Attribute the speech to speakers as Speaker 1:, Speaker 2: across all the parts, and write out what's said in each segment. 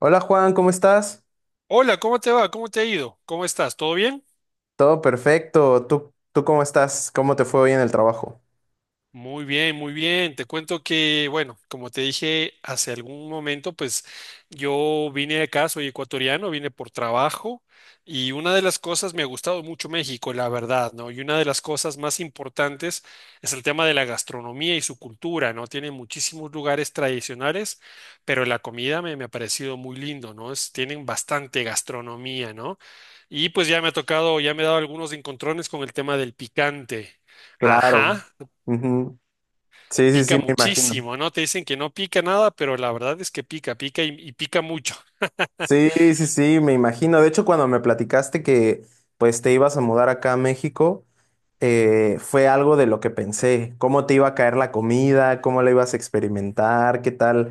Speaker 1: Hola Juan, ¿cómo estás?
Speaker 2: Hola, ¿cómo te va? ¿Cómo te ha ido? ¿Cómo estás? ¿Todo bien?
Speaker 1: Todo perfecto. ¿Tú cómo estás? ¿Cómo te fue hoy en el trabajo?
Speaker 2: Muy bien, muy bien. Te cuento que, bueno, como te dije hace algún momento, pues yo vine acá, soy ecuatoriano, vine por trabajo y una de las cosas, me ha gustado mucho México, la verdad, ¿no? Y una de las cosas más importantes es el tema de la gastronomía y su cultura, ¿no? Tiene muchísimos lugares tradicionales, pero la comida me ha parecido muy lindo, ¿no? Tienen bastante gastronomía, ¿no? Y pues ya me ha tocado, ya me he dado algunos encontrones con el tema del picante.
Speaker 1: Claro.
Speaker 2: Ajá,
Speaker 1: Ujú. Sí, sí, sí,
Speaker 2: pica
Speaker 1: me imagino.
Speaker 2: muchísimo, ¿no? Te dicen que no pica nada, pero la verdad es que pica, pica y pica mucho.
Speaker 1: Sí, sí, sí, me imagino. De hecho, cuando me platicaste que pues te ibas a mudar acá a México, fue algo de lo que pensé. ¿Cómo te iba a caer la comida? ¿Cómo la ibas a experimentar? ¿Qué tal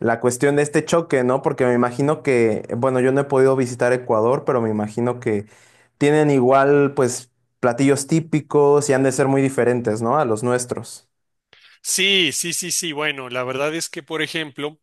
Speaker 1: la cuestión de este choque, no? Porque me imagino que, bueno, yo no he podido visitar Ecuador, pero me imagino que tienen igual pues platillos típicos y han de ser muy diferentes, ¿no? A los nuestros.
Speaker 2: Sí, sí, sí, sí. Bueno, la verdad es que, por ejemplo,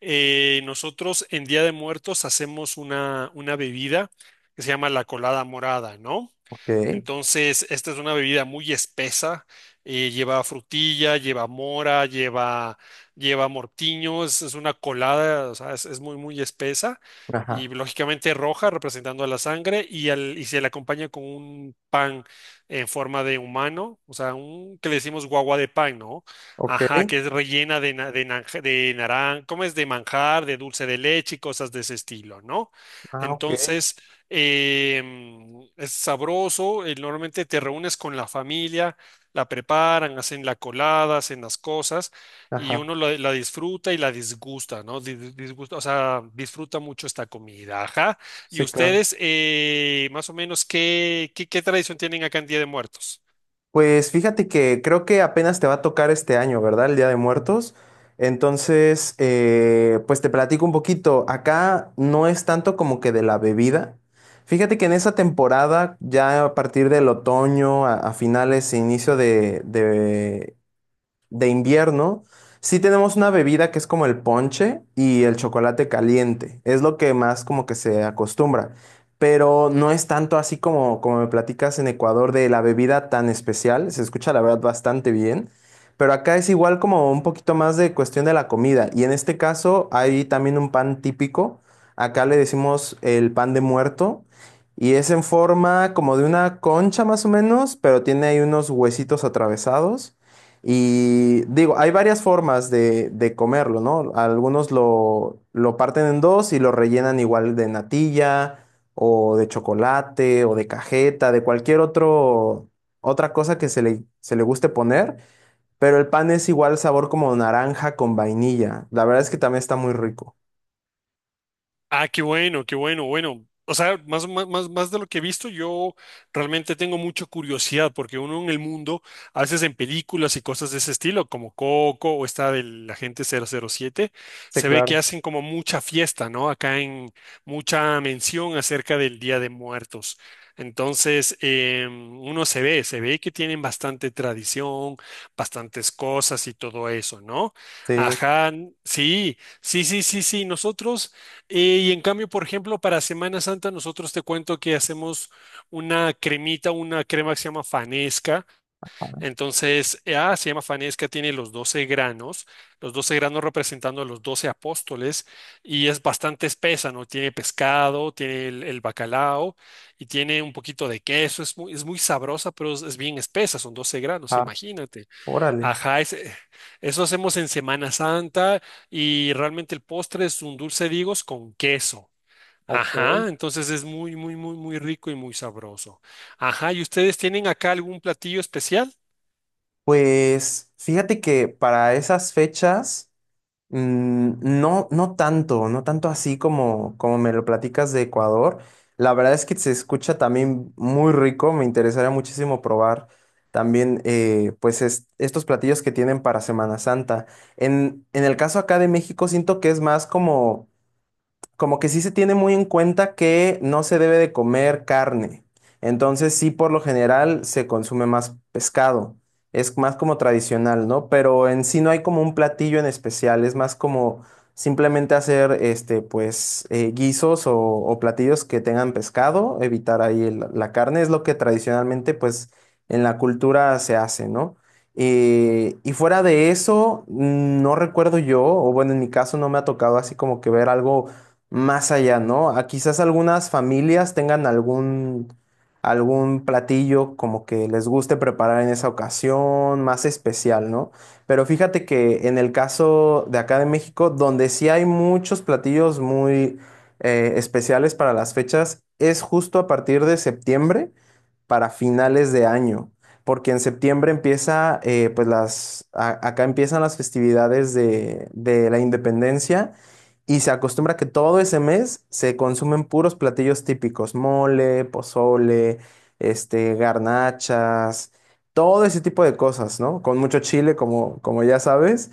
Speaker 2: nosotros en Día de Muertos hacemos una bebida que se llama la colada morada, ¿no?
Speaker 1: Ok,
Speaker 2: Entonces, esta es una bebida muy espesa. Lleva frutilla, lleva mora, lleva mortiño. Es una colada, o sea, es muy, muy espesa. Y
Speaker 1: ajá,
Speaker 2: lógicamente roja, representando a la sangre. Y se le acompaña con un pan en forma de humano, o sea, un que le decimos guagua de pan, ¿no?
Speaker 1: ok,
Speaker 2: Ajá, que es rellena de naranja, de naran- ¿cómo es? De manjar, de dulce de leche y cosas de ese estilo, ¿no?
Speaker 1: ajá, ok,
Speaker 2: Entonces eh, es sabroso, normalmente te reúnes con la familia, la preparan, hacen la colada, hacen las cosas y
Speaker 1: ajá,
Speaker 2: uno la disfruta y la disgusta, ¿no? Disgusta, o sea, disfruta mucho esta comida, ajá. ¿Y
Speaker 1: sí, claro.
Speaker 2: ustedes, más o menos, qué tradición tienen acá en Día de Muertos?
Speaker 1: Pues fíjate que creo que apenas te va a tocar este año, ¿verdad? El Día de Muertos. Entonces, pues te platico un poquito. Acá no es tanto como que de la bebida. Fíjate que en esa temporada, ya a partir del otoño, a finales, e inicio de invierno, sí tenemos una bebida que es como el ponche y el chocolate caliente. Es lo que más como que se acostumbra. Pero no es tanto así como, como me platicas en Ecuador de la bebida tan especial. Se escucha la verdad bastante bien. Pero acá es igual como un poquito más de cuestión de la comida. Y en este caso hay también un pan típico. Acá le decimos el pan de muerto. Y es en forma como de una concha más o menos, pero tiene ahí unos huesitos atravesados. Y digo, hay varias formas de comerlo, ¿no? Algunos lo parten en dos y lo rellenan igual de natilla o de chocolate o de cajeta, de cualquier otro, otra cosa que se le guste poner, pero el pan es igual sabor como naranja con vainilla. La verdad es que también está muy rico.
Speaker 2: Ah, qué bueno, bueno. O sea, más de lo que he visto, yo realmente tengo mucha curiosidad porque uno en el mundo, a veces en películas y cosas de ese estilo, como Coco o esta del Agente 007
Speaker 1: Sí,
Speaker 2: se ve que
Speaker 1: claro.
Speaker 2: hacen como mucha fiesta, ¿no? Acá en mucha mención acerca del Día de Muertos. Entonces, uno se ve que tienen bastante tradición, bastantes cosas y todo eso, ¿no?
Speaker 1: Sí.
Speaker 2: Ajá, sí, sí, sí, sí, sí, nosotros. Y en cambio, por ejemplo, para Semana Santa nosotros te cuento que hacemos una cremita, una crema que se llama Fanesca. Entonces, se llama Fanesca, tiene los 12 granos representando a los 12 apóstoles y es bastante espesa, ¿no? Tiene pescado, tiene el bacalao y tiene un poquito de queso. Es muy sabrosa, pero es bien espesa, son 12 granos,
Speaker 1: Ah,
Speaker 2: imagínate.
Speaker 1: órale.
Speaker 2: Ajá, eso hacemos en Semana Santa y realmente el postre es un dulce de higos con queso.
Speaker 1: Ok.
Speaker 2: Ajá, entonces es muy rico y muy sabroso. Ajá, ¿y ustedes tienen acá algún platillo especial?
Speaker 1: Pues fíjate que para esas fechas. No, no tanto, no tanto así como, como me lo platicas de Ecuador. La verdad es que se escucha también muy rico, me interesaría muchísimo probar también pues estos platillos que tienen para Semana Santa. En el caso acá de México siento que es más como como que sí se tiene muy en cuenta que no se debe de comer carne. Entonces sí, por lo general se consume más pescado. Es más como tradicional, ¿no? Pero en sí no hay como un platillo en especial, es más como simplemente hacer este, pues, guisos o platillos que tengan pescado, evitar ahí la carne, es lo que tradicionalmente, pues, en la cultura se hace, ¿no? Y fuera de eso, no recuerdo yo, o bueno, en mi caso no me ha tocado así como que ver algo más allá, ¿no? A quizás algunas familias tengan algún, algún platillo como que les guste preparar en esa ocasión, más especial, ¿no? Pero fíjate que en el caso de acá de México, donde sí hay muchos platillos muy especiales para las fechas, es justo a partir de septiembre para finales de año, porque en septiembre empieza, pues las, acá empiezan las festividades de la independencia y se acostumbra que todo ese mes se consumen puros platillos típicos, mole, pozole, este, garnachas, todo ese tipo de cosas, ¿no? Con mucho chile, como, como ya sabes.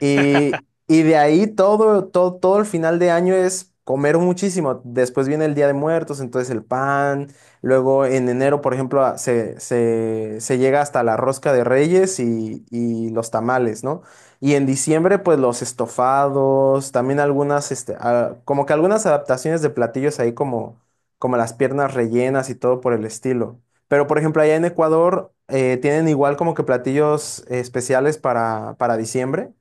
Speaker 1: Y de ahí todo, todo, todo el final de año es comer muchísimo. Después viene el Día de Muertos, entonces el pan. Luego en enero, por ejemplo, se llega hasta la rosca de Reyes y los tamales, ¿no? Y en diciembre, pues los estofados, también algunas, este, ah, como que algunas adaptaciones de platillos ahí como, como las piernas rellenas y todo por el estilo. Pero, por ejemplo, allá en Ecuador, ¿tienen igual como que platillos especiales para diciembre?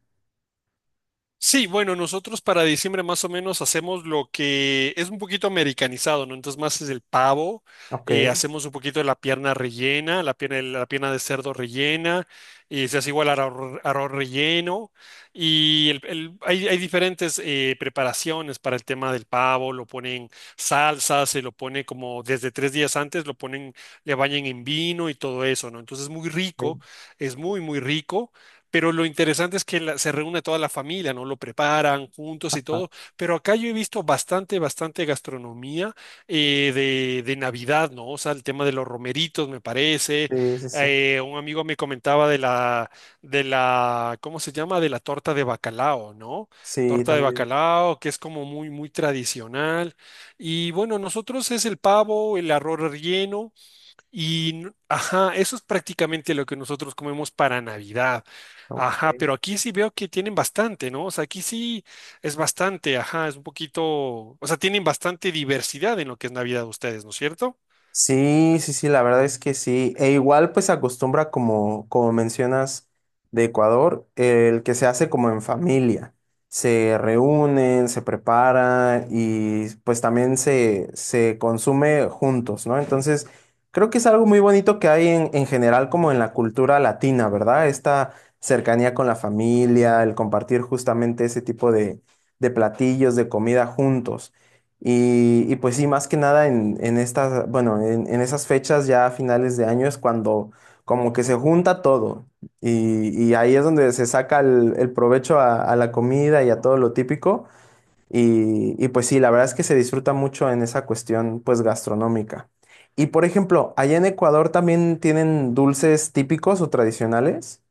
Speaker 2: Sí, bueno, nosotros para diciembre más o menos hacemos lo que es un poquito americanizado, ¿no? Entonces más es el pavo,
Speaker 1: Ok.
Speaker 2: hacemos un poquito de la pierna rellena, la pierna de cerdo rellena, y se hace igual arroz, arroz relleno, y hay, hay diferentes preparaciones para el tema del pavo, lo ponen salsa, se lo pone como desde tres días antes, lo ponen, le bañan en vino y todo eso, ¿no? Entonces es muy
Speaker 1: Sí,
Speaker 2: rico, es muy, muy rico. Pero lo interesante es que se reúne toda la familia, ¿no? Lo preparan juntos y
Speaker 1: ah,
Speaker 2: todo. Pero acá yo he visto bastante, bastante gastronomía de Navidad, ¿no? O sea, el tema de los romeritos, me parece.
Speaker 1: sí, sí, sí.
Speaker 2: Un amigo me comentaba de la, ¿cómo se llama? De la torta de bacalao, ¿no?
Speaker 1: Sí,
Speaker 2: Torta de
Speaker 1: también.
Speaker 2: bacalao, que es como muy, muy tradicional. Y bueno, nosotros es el pavo, el arroz relleno y ajá, eso es prácticamente lo que nosotros comemos para Navidad.
Speaker 1: Ok.
Speaker 2: Ajá, pero aquí sí veo que tienen bastante, ¿no? O sea, aquí sí es bastante, ajá, es un poquito, o sea, tienen bastante diversidad en lo que es Navidad ustedes, ¿no es cierto?
Speaker 1: Sí, sí, sí, la verdad es que sí. E igual pues se acostumbra como, como mencionas de Ecuador, el que se hace como en familia. Se reúnen, se prepara y pues también se consume juntos, ¿no? Entonces, creo que es algo muy bonito que hay en general como en la cultura latina, ¿verdad? Esta cercanía con la familia, el compartir justamente ese tipo de platillos, de comida juntos. Y pues sí, más que nada en, en estas, bueno, en esas fechas ya a finales de año es cuando como que se junta todo y ahí es donde se saca el provecho a la comida y a todo lo típico y pues sí, la verdad es que se disfruta mucho en esa cuestión pues gastronómica. Y por ejemplo, allá en Ecuador también tienen dulces típicos o tradicionales.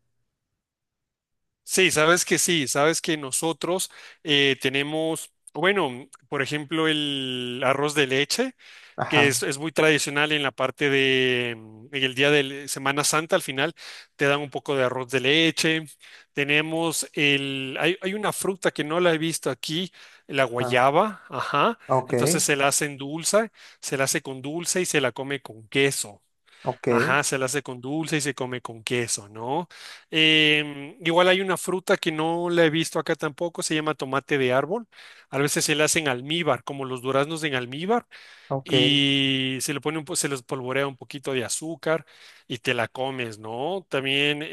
Speaker 2: Sí, sabes que nosotros tenemos, bueno, por ejemplo, el arroz de leche. Que
Speaker 1: Ajá,
Speaker 2: es muy tradicional en la parte de, en el día de Semana Santa, al final te dan un poco de arroz de leche. Tenemos el, hay una fruta que no la he visto aquí, la
Speaker 1: ah,
Speaker 2: guayaba, ajá.
Speaker 1: ok,
Speaker 2: Entonces se la hacen dulce, se la hace con dulce y se la come con queso.
Speaker 1: ok,
Speaker 2: Ajá, se la hace con dulce y se come con queso, ¿no? Igual hay una fruta que no la he visto acá tampoco, se llama tomate de árbol. A veces se la hacen almíbar, como los duraznos en almíbar
Speaker 1: ok,
Speaker 2: y se le pone se les polvorea un poquito de azúcar y te la comes, ¿no? También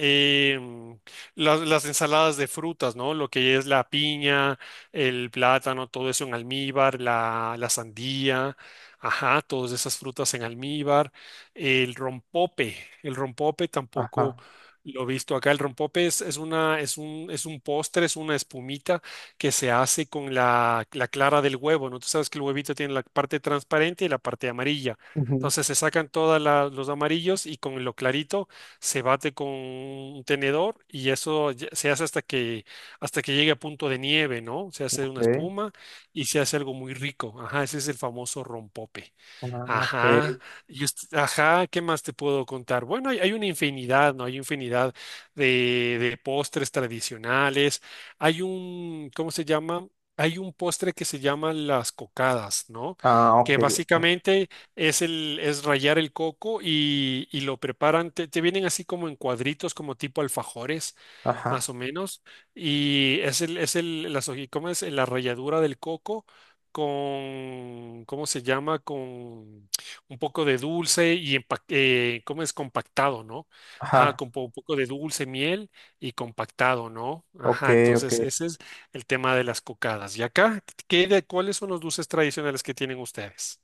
Speaker 2: em, las ensaladas de frutas, ¿no? Lo que es la piña, el plátano, todo eso en almíbar, la sandía, ajá, todas esas frutas en almíbar, el rompope, el rompope tampoco.
Speaker 1: ajá,
Speaker 2: Lo he visto acá, el rompope es un postre, es una espumita que se hace con la clara del huevo, ¿no? Tú sabes que el huevito tiene la parte transparente y la parte amarilla.
Speaker 1: ujú,
Speaker 2: Entonces se sacan todos los amarillos y con lo clarito se bate con un tenedor y se hace hasta que llegue a punto de nieve, ¿no? Se hace una
Speaker 1: ok,
Speaker 2: espuma y se hace algo muy rico. Ajá, ese es el famoso rompope.
Speaker 1: ah, ok.
Speaker 2: Ajá, ¿qué más te puedo contar? Bueno, hay una infinidad, ¿no? Hay infinidad de postres tradicionales. Hay un, ¿cómo se llama? Hay un postre que se llama las cocadas, ¿no?
Speaker 1: Ah, ok.
Speaker 2: Que
Speaker 1: Ajá,
Speaker 2: básicamente es el, es rallar el coco y lo preparan, te vienen así como en cuadritos, como tipo alfajores,
Speaker 1: ajá,
Speaker 2: más o menos, y es el, las hoji- ¿cómo es? la ralladura del coco con, ¿cómo se llama? Con un poco de dulce y empa- ¿cómo es? compactado, ¿no? Ajá,
Speaker 1: ajá,
Speaker 2: un poco de dulce, miel y compactado, ¿no?
Speaker 1: ok,
Speaker 2: Ajá,
Speaker 1: ok.
Speaker 2: entonces ese es el tema de las cocadas. ¿Y acá qué de cuáles son los dulces tradicionales que tienen ustedes?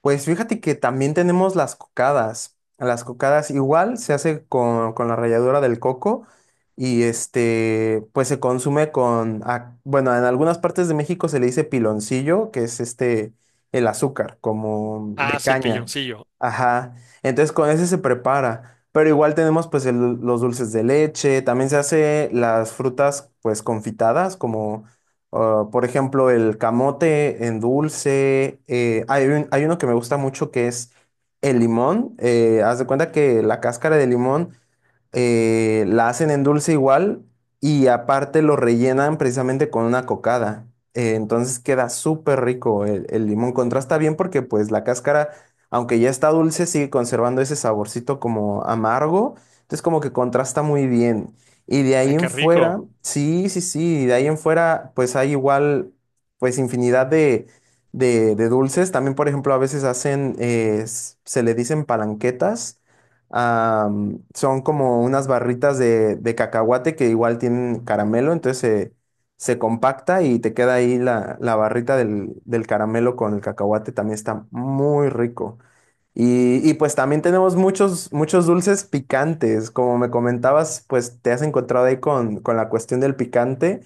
Speaker 1: Pues fíjate que también tenemos las cocadas. Las cocadas igual se hace con la ralladura del coco y este, pues se consume con, ah, bueno, en algunas partes de México se le dice piloncillo, que es este, el azúcar, como
Speaker 2: Ah,
Speaker 1: de
Speaker 2: sí, el
Speaker 1: caña.
Speaker 2: pilloncillo.
Speaker 1: Ajá. Entonces con ese se prepara. Pero igual tenemos pues los dulces de leche, también se hace las frutas pues confitadas, como. Ah, por ejemplo, el camote en dulce. Hay hay uno que me gusta mucho que es el limón. Haz de cuenta que la cáscara de limón la hacen en dulce igual y aparte lo rellenan precisamente con una cocada. Entonces queda súper rico el limón. Contrasta bien porque pues la cáscara, aunque ya está dulce, sigue conservando ese saborcito como amargo. Entonces como que contrasta muy bien. Y de ahí
Speaker 2: Ay,
Speaker 1: en
Speaker 2: qué
Speaker 1: fuera,
Speaker 2: rico.
Speaker 1: sí, sí, sí, de ahí en fuera, pues hay igual, pues infinidad de, de dulces. También, por ejemplo, a veces hacen, se le dicen palanquetas. Son como unas barritas de cacahuate que igual tienen caramelo, entonces se compacta y te queda ahí la, la barrita del, del caramelo con el cacahuate. También está muy rico. Y pues también tenemos muchos, muchos dulces picantes. Como me comentabas, pues te has encontrado ahí con la cuestión del picante.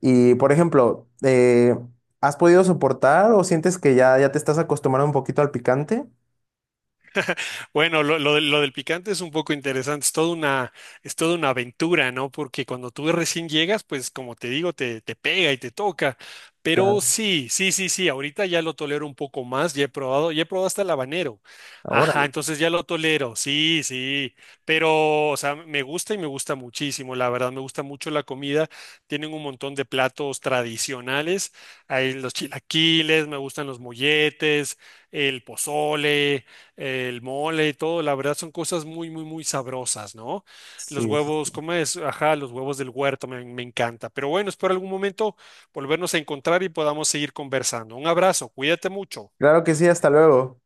Speaker 1: Y por ejemplo, ¿has podido soportar o sientes que ya, ya te estás acostumbrando un poquito al picante?
Speaker 2: Bueno, lo del picante es un poco interesante, es toda una aventura, ¿no? Porque cuando tú recién llegas, pues como te digo, te pega y te toca. Pero
Speaker 1: Claro.
Speaker 2: sí, sí, sí, sí, ahorita ya lo tolero un poco más, ya he probado hasta el habanero.
Speaker 1: Ahora,
Speaker 2: Ajá, entonces ya lo tolero, sí, sí. Pero, o sea, me gusta y me gusta muchísimo, la verdad, me gusta mucho la comida. Tienen un montón de platos tradicionales, hay los chilaquiles, me gustan los molletes, el pozole, el mole y todo, la verdad son cosas muy, muy, muy sabrosas, ¿no? Los
Speaker 1: sí. Sí,
Speaker 2: huevos,
Speaker 1: sí.
Speaker 2: ¿cómo es? Ajá, los huevos del huerto me, me encanta. Pero bueno, espero algún momento volvernos a encontrar y podamos seguir conversando. Un abrazo, cuídate mucho.
Speaker 1: Claro que sí, hasta luego.